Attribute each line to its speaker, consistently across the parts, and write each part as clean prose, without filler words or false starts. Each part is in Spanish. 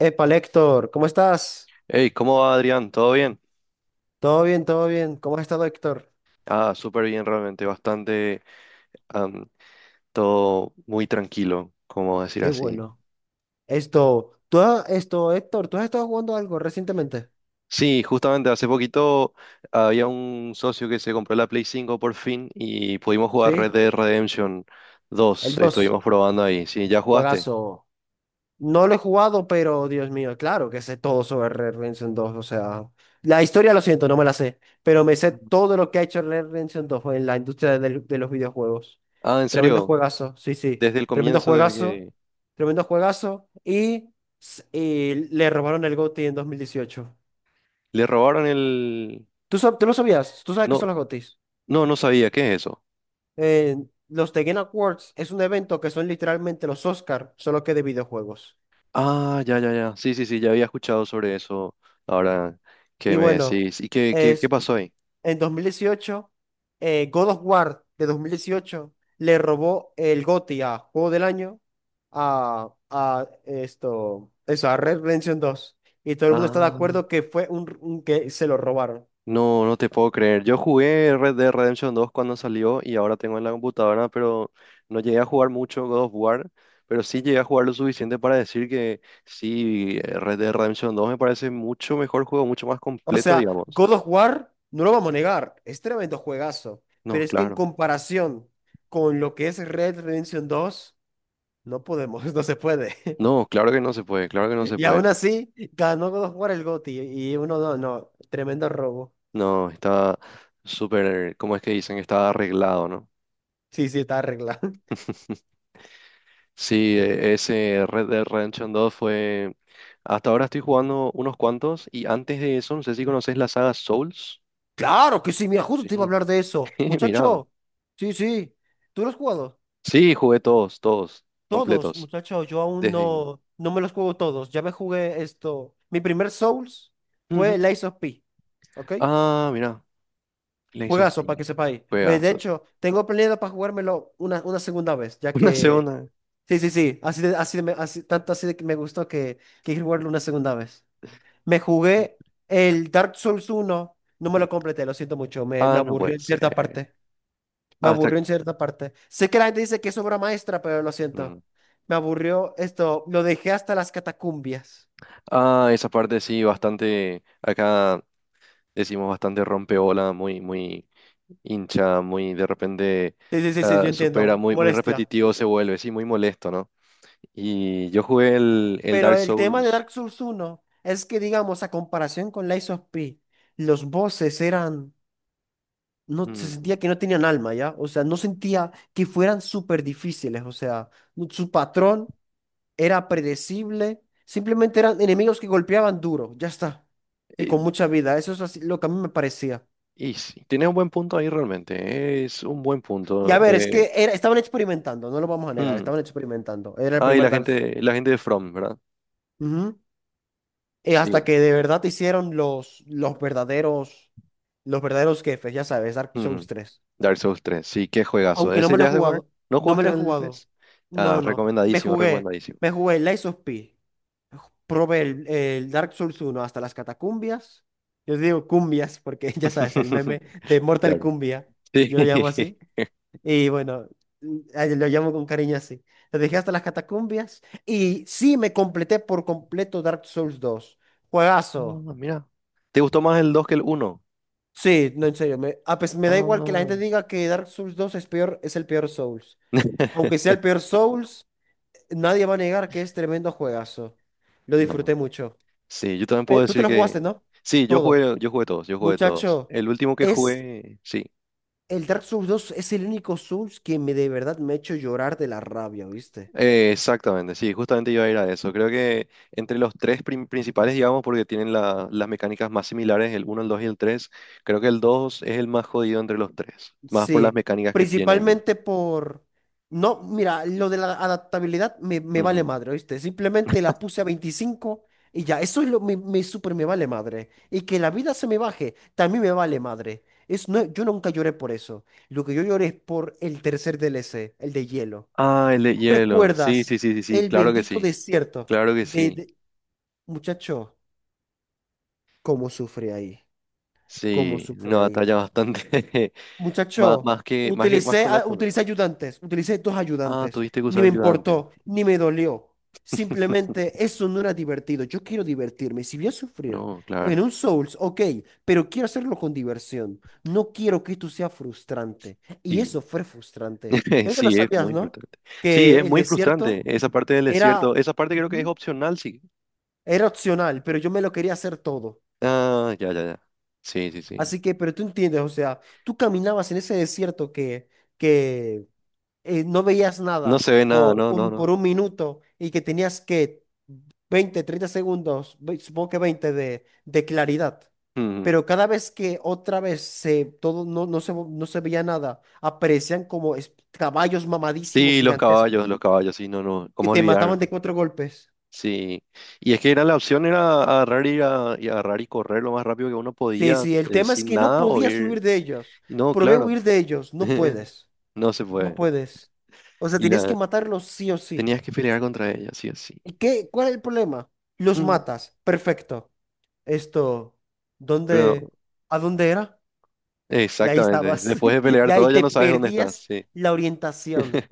Speaker 1: Epa, Héctor, ¿cómo estás?
Speaker 2: Hey, ¿cómo va Adrián? ¿Todo bien?
Speaker 1: Todo bien, todo bien. ¿Cómo has estado, Héctor?
Speaker 2: Ah, súper bien realmente, bastante, am, todo muy tranquilo, como decir
Speaker 1: Qué
Speaker 2: así.
Speaker 1: bueno. Esto, tú has- esto, Héctor, ¿tú has estado jugando algo recientemente?
Speaker 2: Sí, justamente hace poquito había un socio que se compró la Play cinco por fin y pudimos jugar
Speaker 1: Sí,
Speaker 2: Red Dead Redemption
Speaker 1: el
Speaker 2: dos.
Speaker 1: 2,
Speaker 2: Estuvimos probando ahí. Sí, ¿ya jugaste?
Speaker 1: juegazo. No lo he jugado, pero Dios mío, claro que sé todo sobre Red Redemption dos. O sea, la historia lo siento, no me la sé, pero me sé todo lo que ha hecho Red Redemption dos en la industria los videojuegos.
Speaker 2: Ah, ¿en
Speaker 1: Tremendo
Speaker 2: serio?
Speaker 1: juegazo, sí, sí.
Speaker 2: Desde el
Speaker 1: Tremendo
Speaker 2: comienzo, desde
Speaker 1: juegazo,
Speaker 2: que
Speaker 1: tremendo juegazo. Y le robaron el GOTY en 2018.
Speaker 2: le robaron el...
Speaker 1: ¿Tú lo sabías? ¿Tú sabes qué
Speaker 2: No,
Speaker 1: son los GOTYs?
Speaker 2: no, no sabía, ¿qué es eso?
Speaker 1: Eh, los The Game Awards es un evento que son literalmente los Oscar, solo que de videojuegos.
Speaker 2: Ah, ya, ya, ya. Sí, sí, sí, ya había escuchado sobre eso ahora que
Speaker 1: Y
Speaker 2: me
Speaker 1: bueno.
Speaker 2: decís. ¿Y qué pasó ahí?
Speaker 1: en 2018, God of War de 2018 le robó el GOTY a Juego del Año a Red Redemption dos. Y todo el mundo está de
Speaker 2: Ah,
Speaker 1: acuerdo que fue que se lo robaron.
Speaker 2: no te puedo creer. Yo jugué Red Dead Redemption dos cuando salió y ahora tengo en la computadora, pero no llegué a jugar mucho God of War, pero sí llegué a jugar lo suficiente para decir que sí, Red Dead Redemption dos me parece mucho mejor juego, mucho más
Speaker 1: O
Speaker 2: completo,
Speaker 1: sea,
Speaker 2: digamos.
Speaker 1: God of War, no lo vamos a negar, es tremendo juegazo,
Speaker 2: No,
Speaker 1: pero es que en
Speaker 2: claro.
Speaker 1: comparación con lo que es Red Redemption dos no podemos, no se puede.
Speaker 2: No, claro que no se puede, claro que no se
Speaker 1: Y
Speaker 2: puede.
Speaker 1: aún así, ganó God of War el GOTY y uno no, no, tremendo robo.
Speaker 2: No, está súper, ¿cómo es que dicen? Está arreglado, ¿no?
Speaker 1: Sí, sí, está arreglado.
Speaker 2: Sí, ese Red Dead Redemption 2 fue... Hasta ahora estoy jugando unos cuantos y antes de eso, no sé si conoces la saga Souls.
Speaker 1: Claro que sí, mira, justo te iba a
Speaker 2: Sí,
Speaker 1: hablar de eso.
Speaker 2: mirado.
Speaker 1: Muchacho, sí, sí. ¿Tú los has jugado?
Speaker 2: Sí, jugué todos, todos,
Speaker 1: Todos,
Speaker 2: completos.
Speaker 1: muchacho, yo aún
Speaker 2: Desde...
Speaker 1: no me los juego todos. Ya me jugué esto. Mi primer Souls fue
Speaker 2: Ujú.
Speaker 1: el Lies of P. ¿Ok?
Speaker 2: Ah, mira, Lies of
Speaker 1: Juegazo, para que
Speaker 2: P.
Speaker 1: sepáis. Ve, de
Speaker 2: Juegazos.
Speaker 1: hecho, tengo planeado para jugármelo una segunda vez, ya
Speaker 2: Una
Speaker 1: que.
Speaker 2: segunda.
Speaker 1: Sí, sí, sí. Así de me- así, tanto así de que me gustó que quiero jugarlo una segunda vez. Me
Speaker 2: y-
Speaker 1: jugué el Dark Souls uno. No me lo completé, lo siento mucho. Me
Speaker 2: Ah, no puede
Speaker 1: aburrió en cierta
Speaker 2: ser.
Speaker 1: parte. Me
Speaker 2: Hasta...
Speaker 1: aburrió en cierta parte. Sé que la gente dice que es obra maestra, pero lo siento.
Speaker 2: Mm.
Speaker 1: Me aburrió esto. Lo dejé hasta las catacumbias.
Speaker 2: Ah, esa parte sí, bastante... Acá decimos bastante rompeola, muy, muy... hincha, muy de repente
Speaker 1: Sí, sí, sí, sí,
Speaker 2: ah,
Speaker 1: yo
Speaker 2: supera,
Speaker 1: entiendo.
Speaker 2: muy, muy
Speaker 1: Molestia.
Speaker 2: repetitivo se vuelve, sí, muy molesto, ¿no? Y yo jugué el
Speaker 1: Pero
Speaker 2: Dark
Speaker 1: el tema de
Speaker 2: Souls.
Speaker 1: Dark Souls uno es que, digamos, a comparación con Lies of P, los bosses eran. No, se
Speaker 2: mm,
Speaker 1: sentía que no tenían alma, ¿ya? O sea, no sentía que fueran súper difíciles. O sea, su patrón era predecible. Simplemente eran enemigos que golpeaban duro. Ya está. Y con
Speaker 2: Y,
Speaker 1: mucha vida. Eso es así, lo que a mí me parecía.
Speaker 2: y sí, tiene un buen punto ahí realmente, es un buen
Speaker 1: Y
Speaker 2: punto.
Speaker 1: a ver, estaban experimentando, no lo vamos a negar,
Speaker 2: Mm,
Speaker 1: estaban experimentando. Era el
Speaker 2: y
Speaker 1: primer
Speaker 2: la
Speaker 1: Dark Souls.
Speaker 2: gente, la gente de From, ¿verdad?
Speaker 1: Ujú. Y hasta
Speaker 2: Sí.
Speaker 1: que de verdad hicieron los verdaderos jefes, ya sabes, Dark Souls
Speaker 2: Ujú.
Speaker 1: tres.
Speaker 2: Dark Souls tres sí, qué juegazo.
Speaker 1: Aunque no
Speaker 2: ¿Ese
Speaker 1: me lo he
Speaker 2: ya has de jugar?
Speaker 1: jugado,
Speaker 2: ¿No
Speaker 1: no me
Speaker 2: jugaste
Speaker 1: lo he
Speaker 2: el
Speaker 1: jugado.
Speaker 2: tres?
Speaker 1: No,
Speaker 2: Ah,
Speaker 1: no, no. Me
Speaker 2: recomendadísimo,
Speaker 1: jugué,
Speaker 2: recomendadísimo.
Speaker 1: me jugué Lies of P. Probé el Dark Souls uno hasta las catacumbias. Yo digo cumbias porque ya sabes, el meme de Mortal
Speaker 2: Claro.
Speaker 1: Cumbia,
Speaker 2: Sí.
Speaker 1: yo lo llamo así. Y bueno, lo llamo con cariño así. Lo dejé hasta las catacumbias y sí me completé por completo Dark Souls dos. Juegazo.
Speaker 2: Ah, mira. ¿Te gustó más el 2 que el uno?
Speaker 1: Sí, no, en serio. Me da igual que la gente
Speaker 2: Ah.
Speaker 1: diga que Dark Souls dos es peor, es el peor Souls. Aunque sea el peor Souls, nadie va a negar que es tremendo juegazo. Lo
Speaker 2: No.
Speaker 1: disfruté
Speaker 2: No.
Speaker 1: mucho.
Speaker 2: Sí, yo también puedo
Speaker 1: Tú te
Speaker 2: decir
Speaker 1: lo
Speaker 2: que...
Speaker 1: jugaste, ¿no?
Speaker 2: Sí,
Speaker 1: Todo.
Speaker 2: yo jugué todos, yo jugué todos.
Speaker 1: Muchacho,
Speaker 2: El último que
Speaker 1: es
Speaker 2: jugué, sí.
Speaker 1: el Dark Souls dos es el único Souls que me de verdad me ha hecho llorar de la rabia, ¿viste?
Speaker 2: Exactamente, sí, justamente iba a ir a eso. Creo que entre los tres principales, digamos, porque tienen las mecánicas más similares, el uno, el 2 y el 3. Creo que el 2 es el más jodido entre los tres, más por las
Speaker 1: Sí,
Speaker 2: mecánicas que tiene.
Speaker 1: principalmente por... No, mira, lo de la adaptabilidad me vale
Speaker 2: Ujú.
Speaker 1: madre, ¿oíste? Simplemente la puse a 25 y ya, eso es lo me, me súper me vale madre. Y que la vida se me baje, también me vale madre. No, yo nunca lloré por eso. Lo que yo lloré es por el tercer DLC, el de hielo.
Speaker 2: Ah, el de hielo. Sí,
Speaker 1: ¿Recuerdas
Speaker 2: sí, sí, sí, sí,
Speaker 1: el
Speaker 2: claro que
Speaker 1: bendito
Speaker 2: sí,
Speaker 1: desierto
Speaker 2: claro que
Speaker 1: de,
Speaker 2: sí.
Speaker 1: de- Muchacho, cómo sufre ahí, cómo
Speaker 2: Sí, una
Speaker 1: sufre ahí.
Speaker 2: batalla bastante... más,
Speaker 1: Muchacho,
Speaker 2: más que, más que, más con la...
Speaker 1: utilicé ayudantes, utilicé dos
Speaker 2: Ah,
Speaker 1: ayudantes.
Speaker 2: tuviste que
Speaker 1: Ni
Speaker 2: usar
Speaker 1: me
Speaker 2: ayudante.
Speaker 1: importó, ni me dolió. Simplemente eso no era divertido. Yo quiero divertirme. Si voy a sufrir
Speaker 2: No,
Speaker 1: en
Speaker 2: claro.
Speaker 1: un Souls, ok, pero quiero hacerlo con diversión. No quiero que esto sea frustrante. Y eso
Speaker 2: Y
Speaker 1: fue frustrante. Creo que lo
Speaker 2: sí, es
Speaker 1: sabías,
Speaker 2: muy
Speaker 1: ¿no?
Speaker 2: frustrante. Sí, es
Speaker 1: Que el
Speaker 2: muy frustrante
Speaker 1: desierto
Speaker 2: esa parte del
Speaker 1: era.
Speaker 2: desierto. Esa parte creo que es
Speaker 1: Ujú.
Speaker 2: opcional, sí.
Speaker 1: Era opcional, pero yo me lo quería hacer todo.
Speaker 2: Ah, ya, ya, ya. Sí, sí, sí.
Speaker 1: Así que, pero tú entiendes, o sea, tú caminabas en ese desierto que no veías
Speaker 2: No
Speaker 1: nada
Speaker 2: se ve nada,
Speaker 1: por
Speaker 2: no, no,
Speaker 1: un,
Speaker 2: no.
Speaker 1: por un minuto y que tenías que 20, 30 segundos, supongo que 20 de claridad.
Speaker 2: Mm.
Speaker 1: Pero cada vez que otra vez todo no se veía nada, aparecían como caballos mamadísimos
Speaker 2: Sí,
Speaker 1: gigantescos
Speaker 2: los caballos, sí, no, no.
Speaker 1: que
Speaker 2: ¿Cómo
Speaker 1: te
Speaker 2: olvidar?
Speaker 1: mataban de cuatro golpes.
Speaker 2: Sí. Y es que era la opción, era agarrar y agarrar y correr lo más rápido que uno
Speaker 1: Sí,
Speaker 2: podía,
Speaker 1: sí, el tema es
Speaker 2: sin
Speaker 1: que no
Speaker 2: nada, o
Speaker 1: podías
Speaker 2: ir.
Speaker 1: huir de ellos.
Speaker 2: Y no,
Speaker 1: Probé
Speaker 2: claro.
Speaker 1: huir de ellos, no puedes,
Speaker 2: No se
Speaker 1: no
Speaker 2: puede.
Speaker 1: puedes. O sea,
Speaker 2: Y
Speaker 1: tenías que
Speaker 2: la
Speaker 1: matarlos sí o sí.
Speaker 2: tenías que pelear contra ella, sí, así.
Speaker 1: ¿Y qué? ¿Cuál es el problema? Los matas, perfecto. esto,
Speaker 2: Pero
Speaker 1: ¿dónde, a dónde era? Y ahí
Speaker 2: exactamente.
Speaker 1: estabas,
Speaker 2: Después de
Speaker 1: y
Speaker 2: pelear
Speaker 1: ahí
Speaker 2: todo ya
Speaker 1: te
Speaker 2: no sabes dónde estás,
Speaker 1: perdías
Speaker 2: sí.
Speaker 1: la orientación.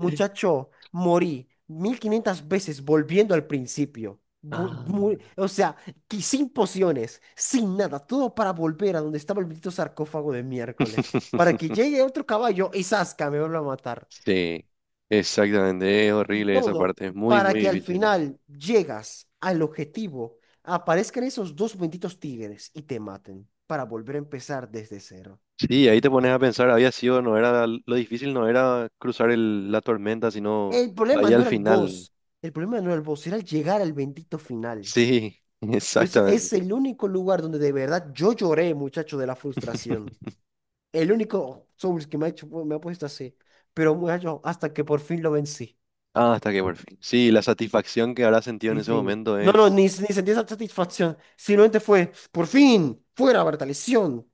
Speaker 1: morí 1.500 veces volviendo al principio.
Speaker 2: Ah.
Speaker 1: O sea, que sin pociones, sin nada, todo para volver a donde estaba el bendito sarcófago de miércoles, para que llegue otro caballo y zasca, me vuelva a matar.
Speaker 2: Sí, exactamente. Es horrible esa
Speaker 1: Todo
Speaker 2: parte. Es muy,
Speaker 1: para
Speaker 2: muy
Speaker 1: que al
Speaker 2: difícil.
Speaker 1: final llegas al objetivo, aparezcan esos dos benditos tigres y te maten para volver a empezar desde cero.
Speaker 2: Sí, ahí te pones a pensar, había sido, no era, lo difícil no era cruzar la tormenta, sino
Speaker 1: El problema
Speaker 2: ahí
Speaker 1: no
Speaker 2: al
Speaker 1: era el
Speaker 2: final.
Speaker 1: boss, el problema no era el boss, era el llegar al bendito final.
Speaker 2: Sí,
Speaker 1: Por eso
Speaker 2: exactamente.
Speaker 1: es el único lugar donde de verdad yo lloré, muchacho, de la frustración. El único Souls que me ha puesto así. Pero, muchacho, hasta que por fin lo vencí.
Speaker 2: Ah, hasta que por fin. Sí, la satisfacción que habrás sentido en
Speaker 1: Sí,
Speaker 2: ese
Speaker 1: sí.
Speaker 2: momento
Speaker 1: No, no,
Speaker 2: es...
Speaker 1: ni sentí esa satisfacción. Simplemente fue, por fin, fuera, Bertalición.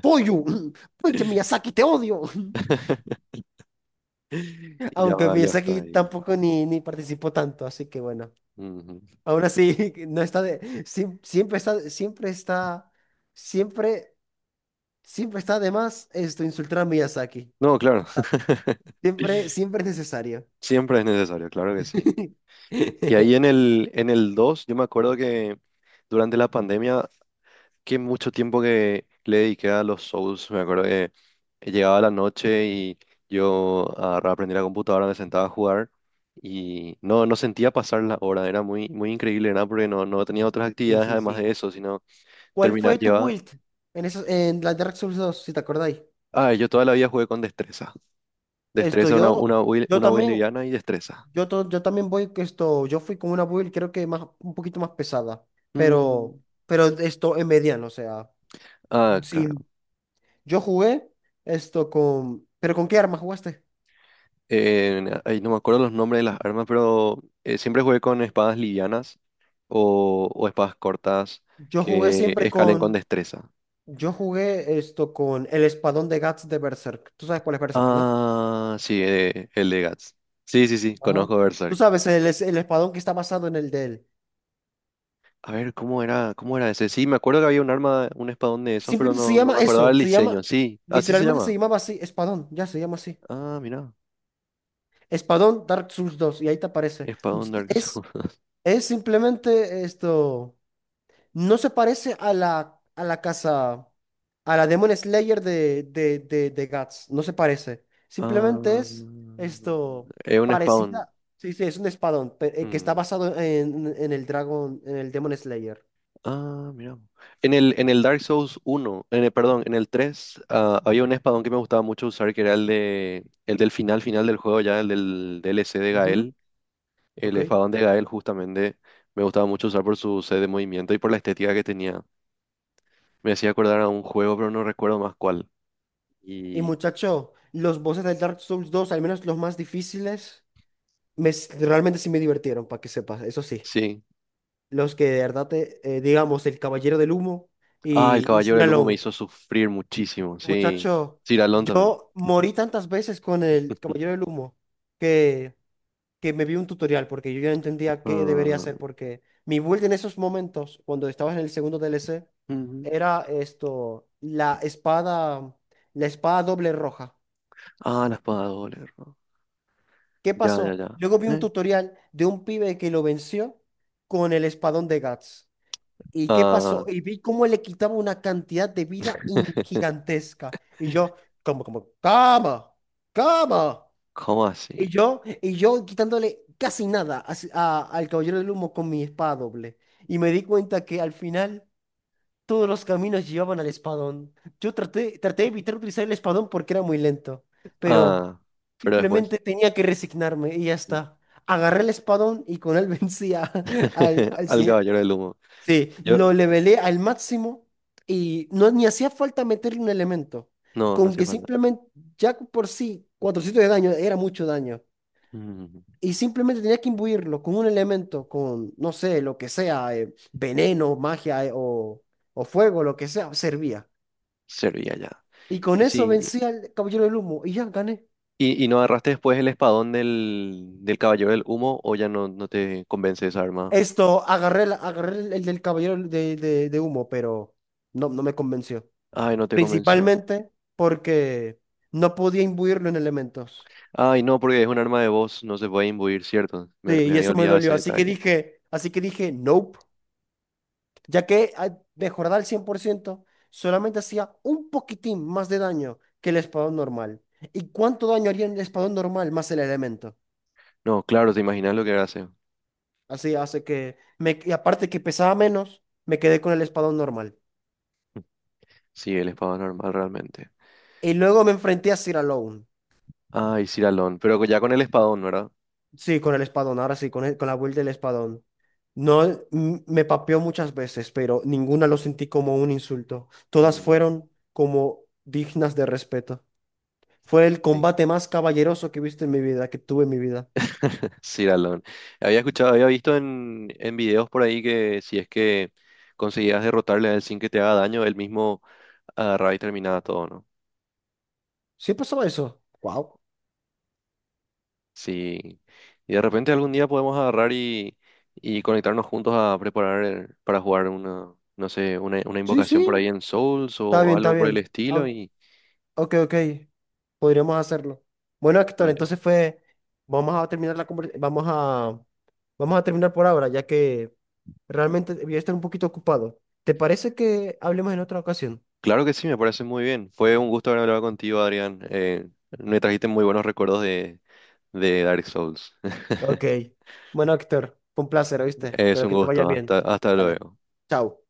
Speaker 1: Pollo, pinche Miyazaki, te odio.
Speaker 2: Y ya
Speaker 1: Aunque
Speaker 2: valió hasta
Speaker 1: Miyazaki
Speaker 2: ahí.
Speaker 1: tampoco ni participó tanto, así que bueno.
Speaker 2: Ujú.
Speaker 1: Aún así, no está de, siem- siempre está, siempre está, siempre, siempre está de más esto, insultar a Miyazaki.
Speaker 2: No, claro.
Speaker 1: Siempre, siempre es necesario.
Speaker 2: Siempre es necesario, claro que sí. Y ahí en el 2 yo me acuerdo que durante la pandemia, que mucho tiempo que le dediqué a los Souls, me acuerdo que llegaba la noche y yo agarraba, prendía la computadora, me sentaba a jugar y no sentía pasar la hora, era muy, muy increíble, ¿verdad? Porque no tenía otras
Speaker 1: Sí,
Speaker 2: actividades
Speaker 1: sí,
Speaker 2: además
Speaker 1: sí.
Speaker 2: de eso, sino
Speaker 1: ¿Cuál
Speaker 2: terminar,
Speaker 1: fue tu
Speaker 2: llevaba...
Speaker 1: build en la Dark Souls dos, si te acordáis?
Speaker 2: Ah, yo toda la vida jugué con destreza.
Speaker 1: Esto
Speaker 2: Destreza,
Speaker 1: yo, yo
Speaker 2: una build
Speaker 1: también,
Speaker 2: liviana y destreza.
Speaker 1: Yo, to- yo también voy que esto, yo fui con una build creo que más, un poquito más pesada, pero,
Speaker 2: Mm.
Speaker 1: pero esto en mediano, o sea,
Speaker 2: Ah, claro.
Speaker 1: sí, yo jugué esto con, pero ¿con qué arma jugaste?
Speaker 2: Ahí no me acuerdo los nombres de las armas, pero siempre jugué con espadas livianas o espadas cortas
Speaker 1: Yo jugué
Speaker 2: que
Speaker 1: siempre
Speaker 2: escalen con
Speaker 1: con,
Speaker 2: destreza.
Speaker 1: yo jugué esto con el espadón de Guts de Berserk. ¿Tú sabes cuál es Berserk, no?
Speaker 2: Ah, sí, el de Guts. Sí, sí, sí,
Speaker 1: Ajá.
Speaker 2: conozco
Speaker 1: Tú
Speaker 2: Berserk.
Speaker 1: sabes, el espadón que está basado en el de él.
Speaker 2: A ver, ¿cómo era ese? Sí, me acuerdo que había un arma, un espadón de esos, pero
Speaker 1: Simplemente se
Speaker 2: no me
Speaker 1: llama
Speaker 2: acordaba
Speaker 1: eso,
Speaker 2: el
Speaker 1: se llama,
Speaker 2: diseño. Sí, así se
Speaker 1: Literalmente se
Speaker 2: llama.
Speaker 1: llamaba así, espadón, ya se llama así.
Speaker 2: Ah, mira,
Speaker 1: Espadón Dark Souls dos y ahí te aparece.
Speaker 2: espadón Dark Souls.
Speaker 1: es Es simplemente esto. No se parece a la casa, a la Demon Slayer de Guts. No se parece. Simplemente
Speaker 2: Ah,
Speaker 1: es esto
Speaker 2: es un espadón.
Speaker 1: parecida. Sí, sí, es un espadón que está
Speaker 2: Mm.
Speaker 1: basado en el Demon Slayer.
Speaker 2: Ah, mira. En el Dark Souls uno, en el, perdón, en el 3 había un espadón que me gustaba mucho usar, que era el de, el del final final del juego, ya el del DLC de
Speaker 1: Ujú,
Speaker 2: Gael. El
Speaker 1: ok.
Speaker 2: espadón de Gael, justamente, me gustaba mucho usar por su sed de movimiento y por la estética que tenía. Me hacía acordar a un juego, pero no recuerdo más cuál.
Speaker 1: Y
Speaker 2: Y
Speaker 1: muchacho, los bosses del Dark Souls dos, al menos los más difíciles, realmente sí me divirtieron, para que sepas. Eso sí.
Speaker 2: sí.
Speaker 1: Los que de verdad, digamos, el Caballero del Humo
Speaker 2: Ah, el
Speaker 1: y
Speaker 2: Caballero
Speaker 1: Sir
Speaker 2: del Humo me
Speaker 1: Alon.
Speaker 2: hizo sufrir muchísimo, sí.
Speaker 1: Muchacho,
Speaker 2: Ciralón también.
Speaker 1: yo morí tantas veces con el Caballero del Humo que, que me vi un tutorial porque yo ya no entendía qué debería
Speaker 2: Ah,
Speaker 1: hacer porque mi build en esos momentos, cuando estaba en el segundo DLC,
Speaker 2: ujú.
Speaker 1: era esto, la espada doble roja.
Speaker 2: Ah, la espada de doble, ¿no?
Speaker 1: ¿Qué
Speaker 2: Ya, ya,
Speaker 1: pasó?
Speaker 2: ya.
Speaker 1: Luego vi un
Speaker 2: ¿Eh?
Speaker 1: tutorial de un pibe que lo venció con el espadón de Guts. ¿Y qué
Speaker 2: Ah,
Speaker 1: pasó? Y vi cómo le quitaba una cantidad de vida gigantesca. Y yo, como, cama.
Speaker 2: ¿cómo así?
Speaker 1: Y yo quitándole casi nada a al Caballero del Humo con mi espada doble. Y me di cuenta que al final todos los caminos llevaban al espadón. Traté de evitar utilizar el espadón porque era muy lento. Pero
Speaker 2: Ah, pero después.
Speaker 1: simplemente tenía que resignarme y ya
Speaker 2: mm,
Speaker 1: está. Agarré el espadón y con él vencía al, al,
Speaker 2: Al
Speaker 1: se-.
Speaker 2: caballero del humo.
Speaker 1: Sí,
Speaker 2: Yo,
Speaker 1: lo levelé al máximo y ni hacía falta meterle un elemento.
Speaker 2: no
Speaker 1: Con
Speaker 2: hacía
Speaker 1: que
Speaker 2: falta.
Speaker 1: simplemente, ya por sí, 400 de daño era mucho daño.
Speaker 2: Mm,
Speaker 1: Y simplemente tenía que imbuirlo con un elemento, no sé, lo que sea, veneno, magia o, fuego, lo que sea, servía.
Speaker 2: servía ya.
Speaker 1: Y con
Speaker 2: Y
Speaker 1: eso
Speaker 2: sí.
Speaker 1: vencí al Caballero del Humo y ya gané.
Speaker 2: ¿Y no agarraste después el espadón del caballero del humo o ya no te convence esa arma?
Speaker 1: Agarré el del Caballero de, de Humo, pero no me convenció.
Speaker 2: Ay, no te convenció.
Speaker 1: Principalmente porque no podía imbuirlo en elementos.
Speaker 2: Ay, no, porque es un arma de voz, no se puede imbuir, ¿cierto?
Speaker 1: Sí,
Speaker 2: Me
Speaker 1: y
Speaker 2: había
Speaker 1: eso me
Speaker 2: olvidado
Speaker 1: dolió.
Speaker 2: ese detalle.
Speaker 1: Así que dije, nope, mejorar al 100% solamente hacía un poquitín más de daño que el espadón normal. ¿Y cuánto daño haría el espadón normal más el elemento?
Speaker 2: No, claro, te imaginas lo que hace.
Speaker 1: Así hace que, y aparte que pesaba menos, me quedé con el espadón normal.
Speaker 2: Sí, el espadón normal realmente.
Speaker 1: Y luego me enfrenté a Sir Alone.
Speaker 2: Ay, Ciralón, pero ya con el espadón, ¿verdad?
Speaker 1: Sí, con el espadón, ahora sí, con la build del espadón. No, me papeó muchas veces, pero ninguna lo sentí como un insulto. Todas
Speaker 2: Mm,
Speaker 1: fueron como dignas de respeto. Fue el
Speaker 2: sí.
Speaker 1: combate más caballeroso que he visto en mi vida, que tuve en mi vida.
Speaker 2: Sí, Ciralón. Había escuchado, había visto en videos por ahí que si es que conseguías derrotarle a él sin que te haga daño, él mismo agarraba y terminaba todo, ¿no?
Speaker 1: ¿Sí pasaba eso? Wow.
Speaker 2: Sí. Y de repente algún día podemos agarrar y conectarnos juntos a preparar para jugar una, no sé, una
Speaker 1: Sí,
Speaker 2: invocación por ahí
Speaker 1: sí.
Speaker 2: en Souls
Speaker 1: Está
Speaker 2: o
Speaker 1: bien, está
Speaker 2: algo por el
Speaker 1: bien. Ah,
Speaker 2: estilo. Y
Speaker 1: ok, ok. Podríamos hacerlo. Bueno, Héctor,
Speaker 2: ay,
Speaker 1: entonces fue. Vamos a terminar la conversación. Vamos a terminar por ahora, ya que realmente voy a estar un poquito ocupado. ¿Te parece que hablemos en otra ocasión?
Speaker 2: claro que sí, me parece muy bien. Fue un gusto haber hablado contigo, Adrián. Me trajiste muy buenos recuerdos de, Dark Souls.
Speaker 1: Ok. Bueno, Héctor, fue un placer, ¿oíste?
Speaker 2: Es
Speaker 1: Espero
Speaker 2: un
Speaker 1: que te vaya
Speaker 2: gusto.
Speaker 1: bien.
Speaker 2: Hasta
Speaker 1: Vale.
Speaker 2: luego.
Speaker 1: Chao.